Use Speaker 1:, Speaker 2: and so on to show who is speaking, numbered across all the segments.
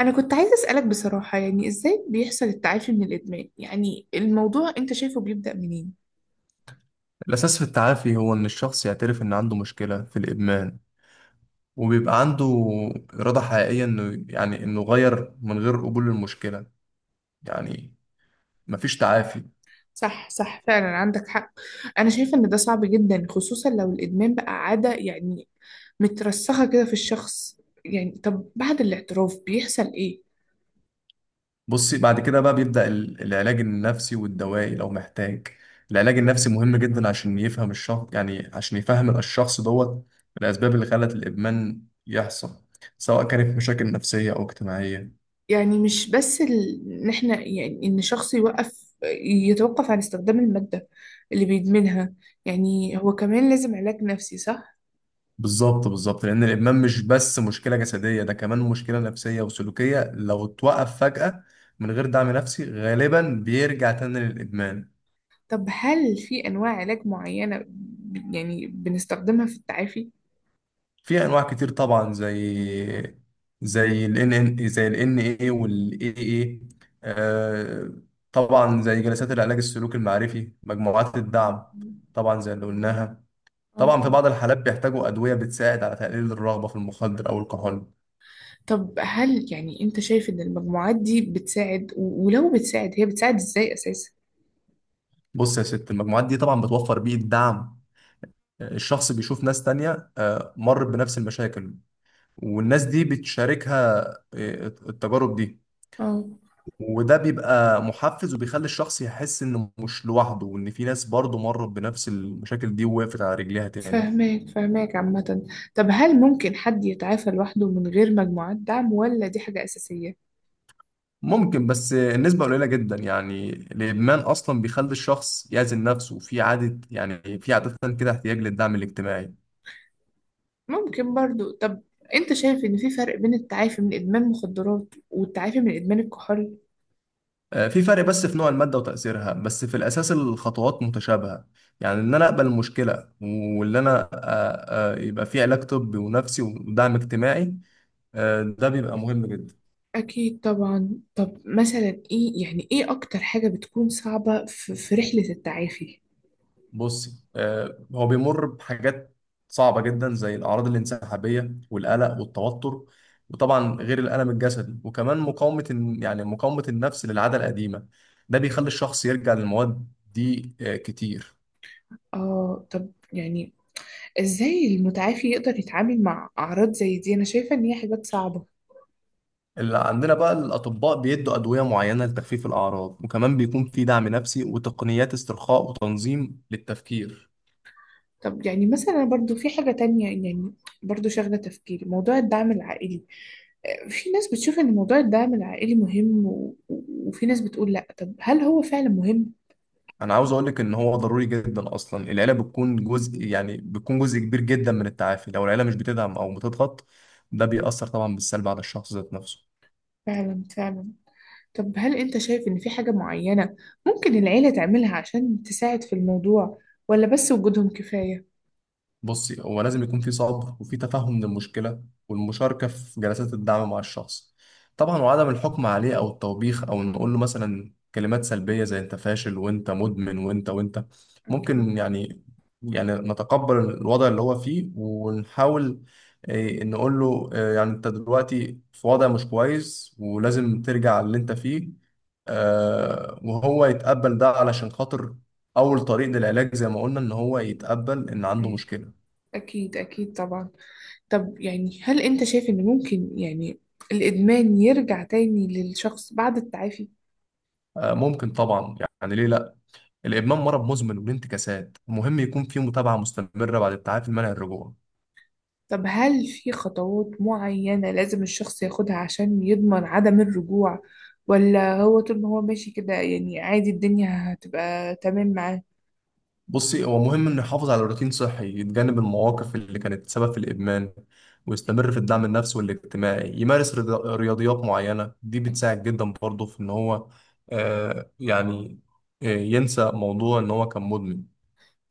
Speaker 1: أنا كنت عايزة أسألك بصراحة يعني إزاي بيحصل التعافي من الإدمان؟ يعني الموضوع أنت شايفه بيبدأ منين؟
Speaker 2: الأساس في التعافي هو إن الشخص يعترف إن عنده مشكلة في الإدمان، وبيبقى عنده إرادة حقيقية، إنه يعني إنه غير من غير قبول المشكلة، يعني مفيش تعافي.
Speaker 1: صح، صح، فعلا عندك حق. أنا شايفة إن ده صعب جدا خصوصا لو الإدمان بقى عادة يعني مترسخة كده في الشخص. يعني طب بعد الاعتراف بيحصل إيه؟
Speaker 2: بصي، بعد كده بقى بيبدأ العلاج النفسي والدوائي لو محتاج. العلاج النفسي مهم جدا عشان يفهم الشخص، يعني عشان يفهم الشخص دوت الأسباب اللي خلت الإدمان يحصل، سواء كانت مشاكل نفسية أو اجتماعية.
Speaker 1: يعني مش بس إن إحنا يعني إن شخص يتوقف عن استخدام المادة اللي بيدمنها. يعني هو كمان لازم علاج نفسي صح؟
Speaker 2: بالظبط بالظبط، لان الادمان مش بس مشكله جسديه، ده كمان مشكله نفسيه وسلوكيه. لو اتوقف فجاه من غير دعم نفسي، غالبا بيرجع تاني للادمان.
Speaker 1: طب هل في أنواع علاج معينة يعني بنستخدمها في التعافي؟
Speaker 2: في انواع كتير طبعا، زي ال ان اي وال اي اي، طبعا زي جلسات العلاج السلوكي المعرفي، مجموعات الدعم، طبعا زي اللي قلناها.
Speaker 1: اه.
Speaker 2: طبعا في بعض الحالات بيحتاجوا ادويه بتساعد على تقليل الرغبه في المخدر او الكحول.
Speaker 1: طب هل يعني أنت شايف إن المجموعات دي بتساعد ولو بتساعد هي بتساعد إزاي أساسا؟
Speaker 2: بص يا ست، المجموعات دي طبعا بتوفر بيئه دعم، الشخص بيشوف ناس تانية مرت بنفس المشاكل، والناس دي بتشاركها التجارب دي،
Speaker 1: اه،
Speaker 2: وده بيبقى محفز وبيخلي الشخص يحس انه مش لوحده، وان في ناس برضه مرت بنفس المشاكل دي ووقفت على رجليها تاني.
Speaker 1: فهماك، فهماك عامة. طب هل ممكن حد يتعافى لوحده من غير مجموعات دعم، ولا دي حاجة أساسية؟
Speaker 2: ممكن، بس النسبة قليلة جدا، يعني الإدمان أصلا بيخلي الشخص يعزل نفسه، في عادة، يعني في عادة كده احتياج للدعم الاجتماعي.
Speaker 1: ممكن برضو. طب أنت شايف إن في فرق بين التعافي من إدمان مخدرات والتعافي من إدمان الكحول؟
Speaker 2: في فرق، بس في نوع المادة وتأثيرها، بس في الأساس الخطوات متشابهة. يعني إن أنا أقبل المشكلة، واللي أنا يبقى في علاج طبي ونفسي ودعم اجتماعي، ده بيبقى مهم جدا.
Speaker 1: أكيد طبعا. طب مثلا إيه، يعني إيه أكتر حاجة بتكون صعبة في رحلة التعافي؟
Speaker 2: بصي، هو بيمر بحاجات صعبة جدا، زي الأعراض الانسحابية والقلق والتوتر، وطبعا غير الألم الجسدي، وكمان مقاومة مقاومة النفس للعادة القديمة، ده بيخلي الشخص يرجع للمواد دي كتير.
Speaker 1: طب يعني إزاي المتعافي يقدر يتعامل مع أعراض زي دي؟ أنا شايفة إن هي حاجات صعبة.
Speaker 2: اللي عندنا بقى، الأطباء بيدوا أدوية معينة لتخفيف الأعراض، وكمان بيكون في دعم نفسي وتقنيات استرخاء وتنظيم للتفكير.
Speaker 1: طب يعني مثلا، برضو في حاجة تانية يعني، برضو شاغلة تفكيري موضوع الدعم العائلي. في ناس بتشوف إن موضوع الدعم العائلي مهم، وفي ناس بتقول لأ. طب هل هو فعلا مهم؟
Speaker 2: أنا عاوز أقولك إن هو ضروري جدا، أصلا العيلة بتكون جزء، يعني بتكون جزء كبير جدا من التعافي، لو العيلة مش بتدعم أو بتضغط، ده بيأثر طبعا بالسلب على الشخص ذات نفسه.
Speaker 1: فعلا فعلا. طب هل أنت شايف إن في حاجة معينة ممكن العيلة تعملها عشان تساعد في الموضوع، ولا بس وجودهم كفاية؟
Speaker 2: بصي، هو لازم يكون في صبر، وفي تفهم للمشكلة، والمشاركة في جلسات الدعم مع الشخص، طبعا، وعدم الحكم عليه أو التوبيخ، أو نقول له مثلا كلمات سلبية زي أنت فاشل وأنت مدمن وأنت وأنت.
Speaker 1: أكيد.
Speaker 2: ممكن، يعني نتقبل الوضع اللي هو فيه ونحاول، نقول له، يعني أنت دلوقتي في وضع مش كويس، ولازم ترجع اللي أنت فيه، وهو يتقبل ده علشان خاطر أول طريق للعلاج، زي ما قلنا، إن هو يتقبل إن عنده
Speaker 1: أيوة.
Speaker 2: مشكلة.
Speaker 1: أكيد، أكيد طبعا. طب يعني هل أنت شايف إن ممكن يعني الإدمان يرجع تاني للشخص بعد التعافي؟
Speaker 2: ممكن طبعا، يعني ليه لا؟ الادمان مرض مزمن وليه انتكاسات، ومهم يكون فيه متابعه مستمره بعد التعافي المنع الرجوع.
Speaker 1: طب هل في خطوات معينة لازم الشخص ياخدها عشان يضمن عدم الرجوع، ولا هو طول ما هو ماشي كده يعني عادي الدنيا هتبقى تمام معاه؟
Speaker 2: بصي، هو مهم انه يحافظ على روتين صحي، يتجنب المواقف اللي كانت سبب في الادمان، ويستمر في الدعم النفسي والاجتماعي، يمارس رياضيات معينه، دي بتساعد جدا برضه في ان هو يعني ينسى موضوع ان هو كان مدمن.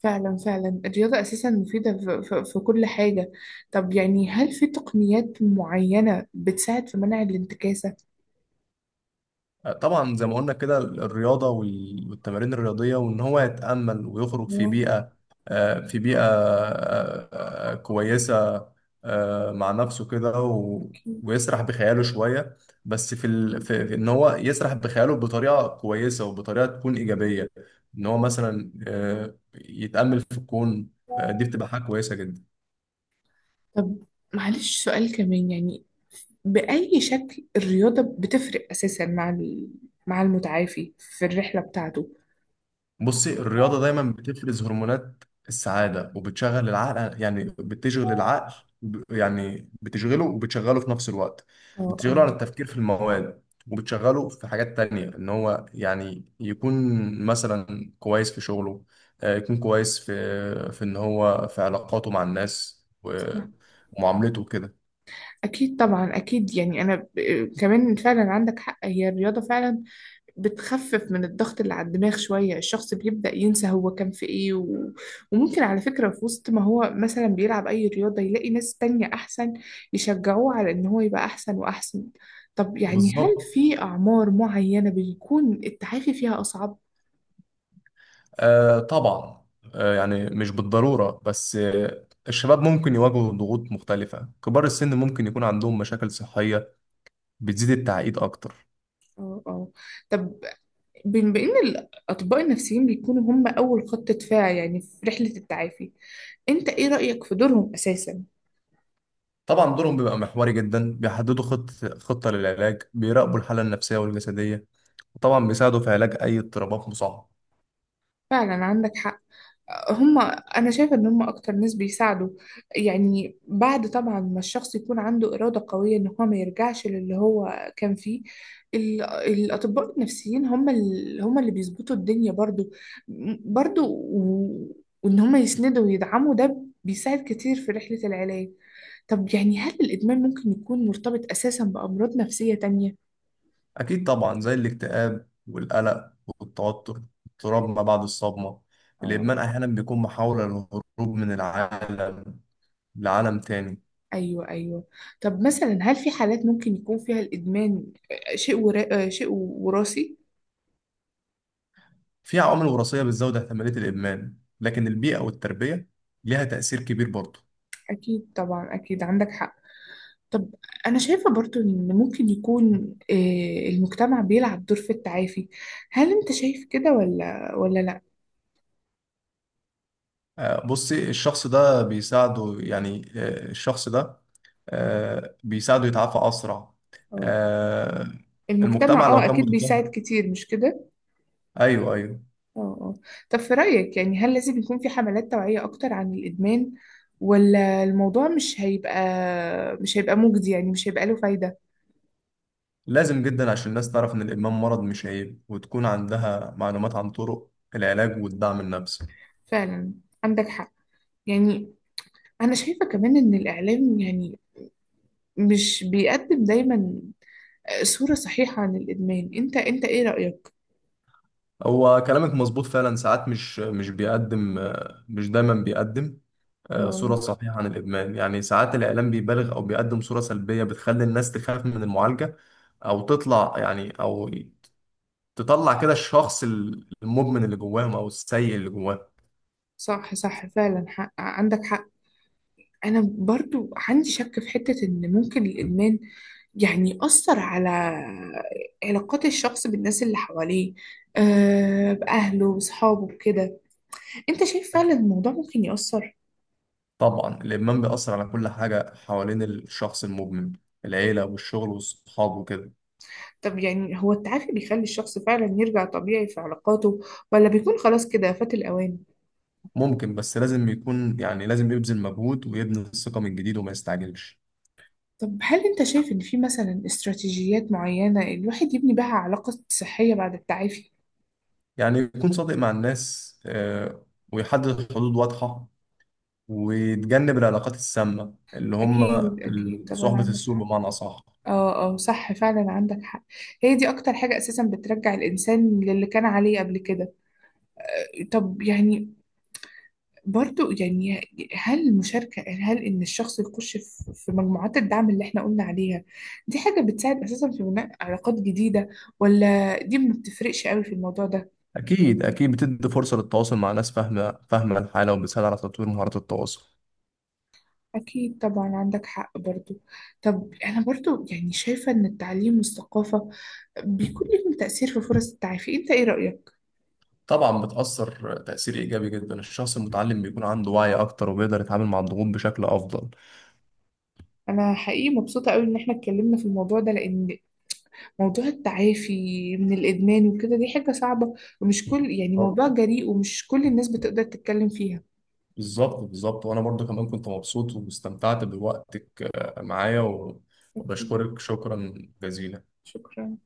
Speaker 1: فعلا، فعلا، الرياضة أساسا مفيدة في كل حاجة. طب يعني هل في تقنيات معينة بتساعد في منع الانتكاسة؟
Speaker 2: طبعا زي ما قلنا كده، الرياضة والتمارين الرياضية، وإن هو يتأمل ويخرج في
Speaker 1: آه.
Speaker 2: بيئة، في بيئة كويسة، مع نفسه كده
Speaker 1: أكيد.
Speaker 2: ويسرح بخياله شوية. بس في, ال... في في إن هو يسرح بخياله بطريقة كويسة وبطريقة تكون إيجابية، إن هو مثلا يتأمل في الكون، دي بتبقى حاجة كويسة جدا.
Speaker 1: طب معلش سؤال كمان يعني، بأي شكل الرياضة بتفرق أساسا مع مع المتعافي في الرحلة بتاعته؟
Speaker 2: بصي، الرياضة دايما بتفرز هرمونات السعادة وبتشغل العقل، يعني بتشغل العقل، يعني بتشغله، وبتشغله في نفس الوقت،
Speaker 1: اه،
Speaker 2: بتشغله
Speaker 1: اه،
Speaker 2: على التفكير في المواد، وبتشغله في حاجات تانية، إن هو يعني يكون مثلا كويس في شغله، يكون كويس في إن هو في علاقاته مع الناس
Speaker 1: صح.
Speaker 2: ومعاملته كده.
Speaker 1: أكيد طبعا، أكيد يعني أنا كمان فعلا عندك حق، هي الرياضة فعلا بتخفف من الضغط اللي على الدماغ شوية. الشخص بيبدأ ينسى هو كان في ايه وممكن على فكرة في وسط ما هو مثلا بيلعب اي رياضة يلاقي ناس تانية احسن يشجعوه على ان هو يبقى احسن واحسن. طب يعني هل
Speaker 2: بالظبط.
Speaker 1: في اعمار معينة بيكون التعافي فيها اصعب؟
Speaker 2: طبعا، يعني مش بالضرورة، بس الشباب ممكن يواجهوا ضغوط مختلفة، كبار السن ممكن يكون عندهم مشاكل صحية بتزيد التعقيد أكتر.
Speaker 1: اه، اه. طب بما ان الاطباء النفسيين بيكونوا هم اول خط دفاع يعني في رحلة التعافي، انت ايه رأيك في دورهم اساسا؟
Speaker 2: طبعا دورهم بيبقى محوري جدا، بيحددوا خطة للعلاج، بيراقبوا الحالة النفسية والجسدية، وطبعا بيساعدوا في علاج أي اضطرابات مصاحبة.
Speaker 1: فعلا عندك حق. هم انا شايفه ان هم اكتر ناس بيساعدوا، يعني بعد طبعا ما الشخص يكون عنده اراده قويه ان هو ما يرجعش للي هو كان فيه. الاطباء النفسيين هم اللي بيظبطوا الدنيا برضو برضو و- وان هم يسندوا ويدعموا، ده بيساعد كتير في رحله العلاج. طب يعني هل الادمان ممكن يكون مرتبط اساسا بامراض نفسيه تانية؟
Speaker 2: أكيد طبعا، زي الاكتئاب والقلق والتوتر، اضطراب ما بعد الصدمة. الإدمان أحيانا بيكون محاولة للهروب من العالم لعالم تاني.
Speaker 1: ايوه، ايوه. طب مثلا هل في حالات ممكن يكون فيها الادمان شيء وراثي؟
Speaker 2: في عوامل وراثية بتزود احتمالية الإدمان، لكن البيئة والتربية ليها تأثير كبير برضه.
Speaker 1: اكيد طبعا، اكيد عندك حق. طب انا شايفه برضو ان ممكن يكون المجتمع بيلعب دور في التعافي. هل انت شايف كده ولا لا؟
Speaker 2: بصي، الشخص ده بيساعده، يعني الشخص ده بيساعده يتعافى أسرع.
Speaker 1: اه،
Speaker 2: آه، المجتمع
Speaker 1: المجتمع
Speaker 2: لو كان
Speaker 1: اكيد بيساعد
Speaker 2: متفاهم.
Speaker 1: كتير، مش كده؟
Speaker 2: أيوه أيوه.
Speaker 1: اه، اه. طب في رايك يعني هل لازم يكون في حملات توعيه اكتر عن الادمان، ولا الموضوع مش هيبقى مجدي، يعني مش هيبقى له فايده؟
Speaker 2: لازم جدا عشان الناس تعرف إن الإدمان مرض مش عيب، وتكون عندها معلومات عن طرق العلاج والدعم النفسي.
Speaker 1: فعلا عندك حق. يعني أنا شايفة كمان إن الإعلام يعني مش بيقدم دايما صورة صحيحة عن الإدمان. أنت إيه رأيك؟
Speaker 2: هو كلامك مظبوط، فعلا ساعات مش بيقدم، مش دايما بيقدم
Speaker 1: آه،
Speaker 2: صورة صحيحة عن الإدمان. يعني ساعات الإعلام بيبالغ أو بيقدم صورة سلبية بتخلي الناس تخاف من المعالجة، أو تطلع، يعني أو تطلع كده الشخص المدمن اللي جواهم أو السيء اللي جواهم.
Speaker 1: صح، صح، فعلا عندك حق. أنا برضو عندي شك في حتة إن ممكن الإدمان يعني يأثر على علاقات الشخص بالناس اللي حواليه، بأهله وصحابه وكده. أنت شايف فعلا الموضوع ممكن يأثر؟
Speaker 2: طبعا الإدمان بيأثر على كل حاجة حوالين الشخص المدمن، العيلة والشغل والصحاب وكده.
Speaker 1: طب يعني هو التعافي بيخلي الشخص فعلا يرجع طبيعي في علاقاته، ولا بيكون خلاص كده فات الأوان؟
Speaker 2: ممكن، بس لازم يكون، يعني لازم يبذل مجهود ويبني الثقة من جديد وما يستعجلش.
Speaker 1: طب هل انت شايف ان في مثلا استراتيجيات معينة الواحد يبني بها علاقة صحية بعد التعافي؟
Speaker 2: يعني يكون صادق مع الناس، ويحدد حدود واضحة، وتجنب العلاقات السامة، اللي هم
Speaker 1: اكيد، اكيد طبعا
Speaker 2: صحبة
Speaker 1: عندك
Speaker 2: السوء
Speaker 1: حق.
Speaker 2: بمعنى أصح.
Speaker 1: اه، اه، صح فعلا عندك حق. هي دي اكتر حاجة اساسا بترجع الانسان للي كان عليه قبل كده. طب يعني برضو يعني هل ان الشخص يخش في مجموعات الدعم اللي احنا قلنا عليها، دي حاجة بتساعد اساسا في بناء علاقات جديدة، ولا دي ما بتفرقش قوي في الموضوع ده؟
Speaker 2: أكيد أكيد، بتدي فرصة للتواصل مع ناس فاهمة فاهمة الحالة، وبتساعد على تطوير مهارات التواصل.
Speaker 1: أكيد طبعا عندك حق برضو. طب أنا برضو يعني شايفة إن التعليم والثقافة بيكون لهم تأثير في فرص التعافي. أنت إيه رأيك؟
Speaker 2: طبعا بتأثر تأثير إيجابي جدا، الشخص المتعلم بيكون عنده وعي أكتر وبيقدر يتعامل مع الضغوط بشكل أفضل.
Speaker 1: أنا حقيقي مبسوطة أوي إن إحنا اتكلمنا في الموضوع ده، لأن موضوع التعافي من الإدمان وكده دي حاجة صعبة، ومش كل يعني
Speaker 2: طب،
Speaker 1: موضوع جريء ومش كل الناس بتقدر تتكلم فيها.
Speaker 2: بالظبط بالظبط، وأنا برضو كمان كنت مبسوط، واستمتعت بوقتك معايا
Speaker 1: أكيد،
Speaker 2: وبشكرك شكرا جزيلا.
Speaker 1: شكرا.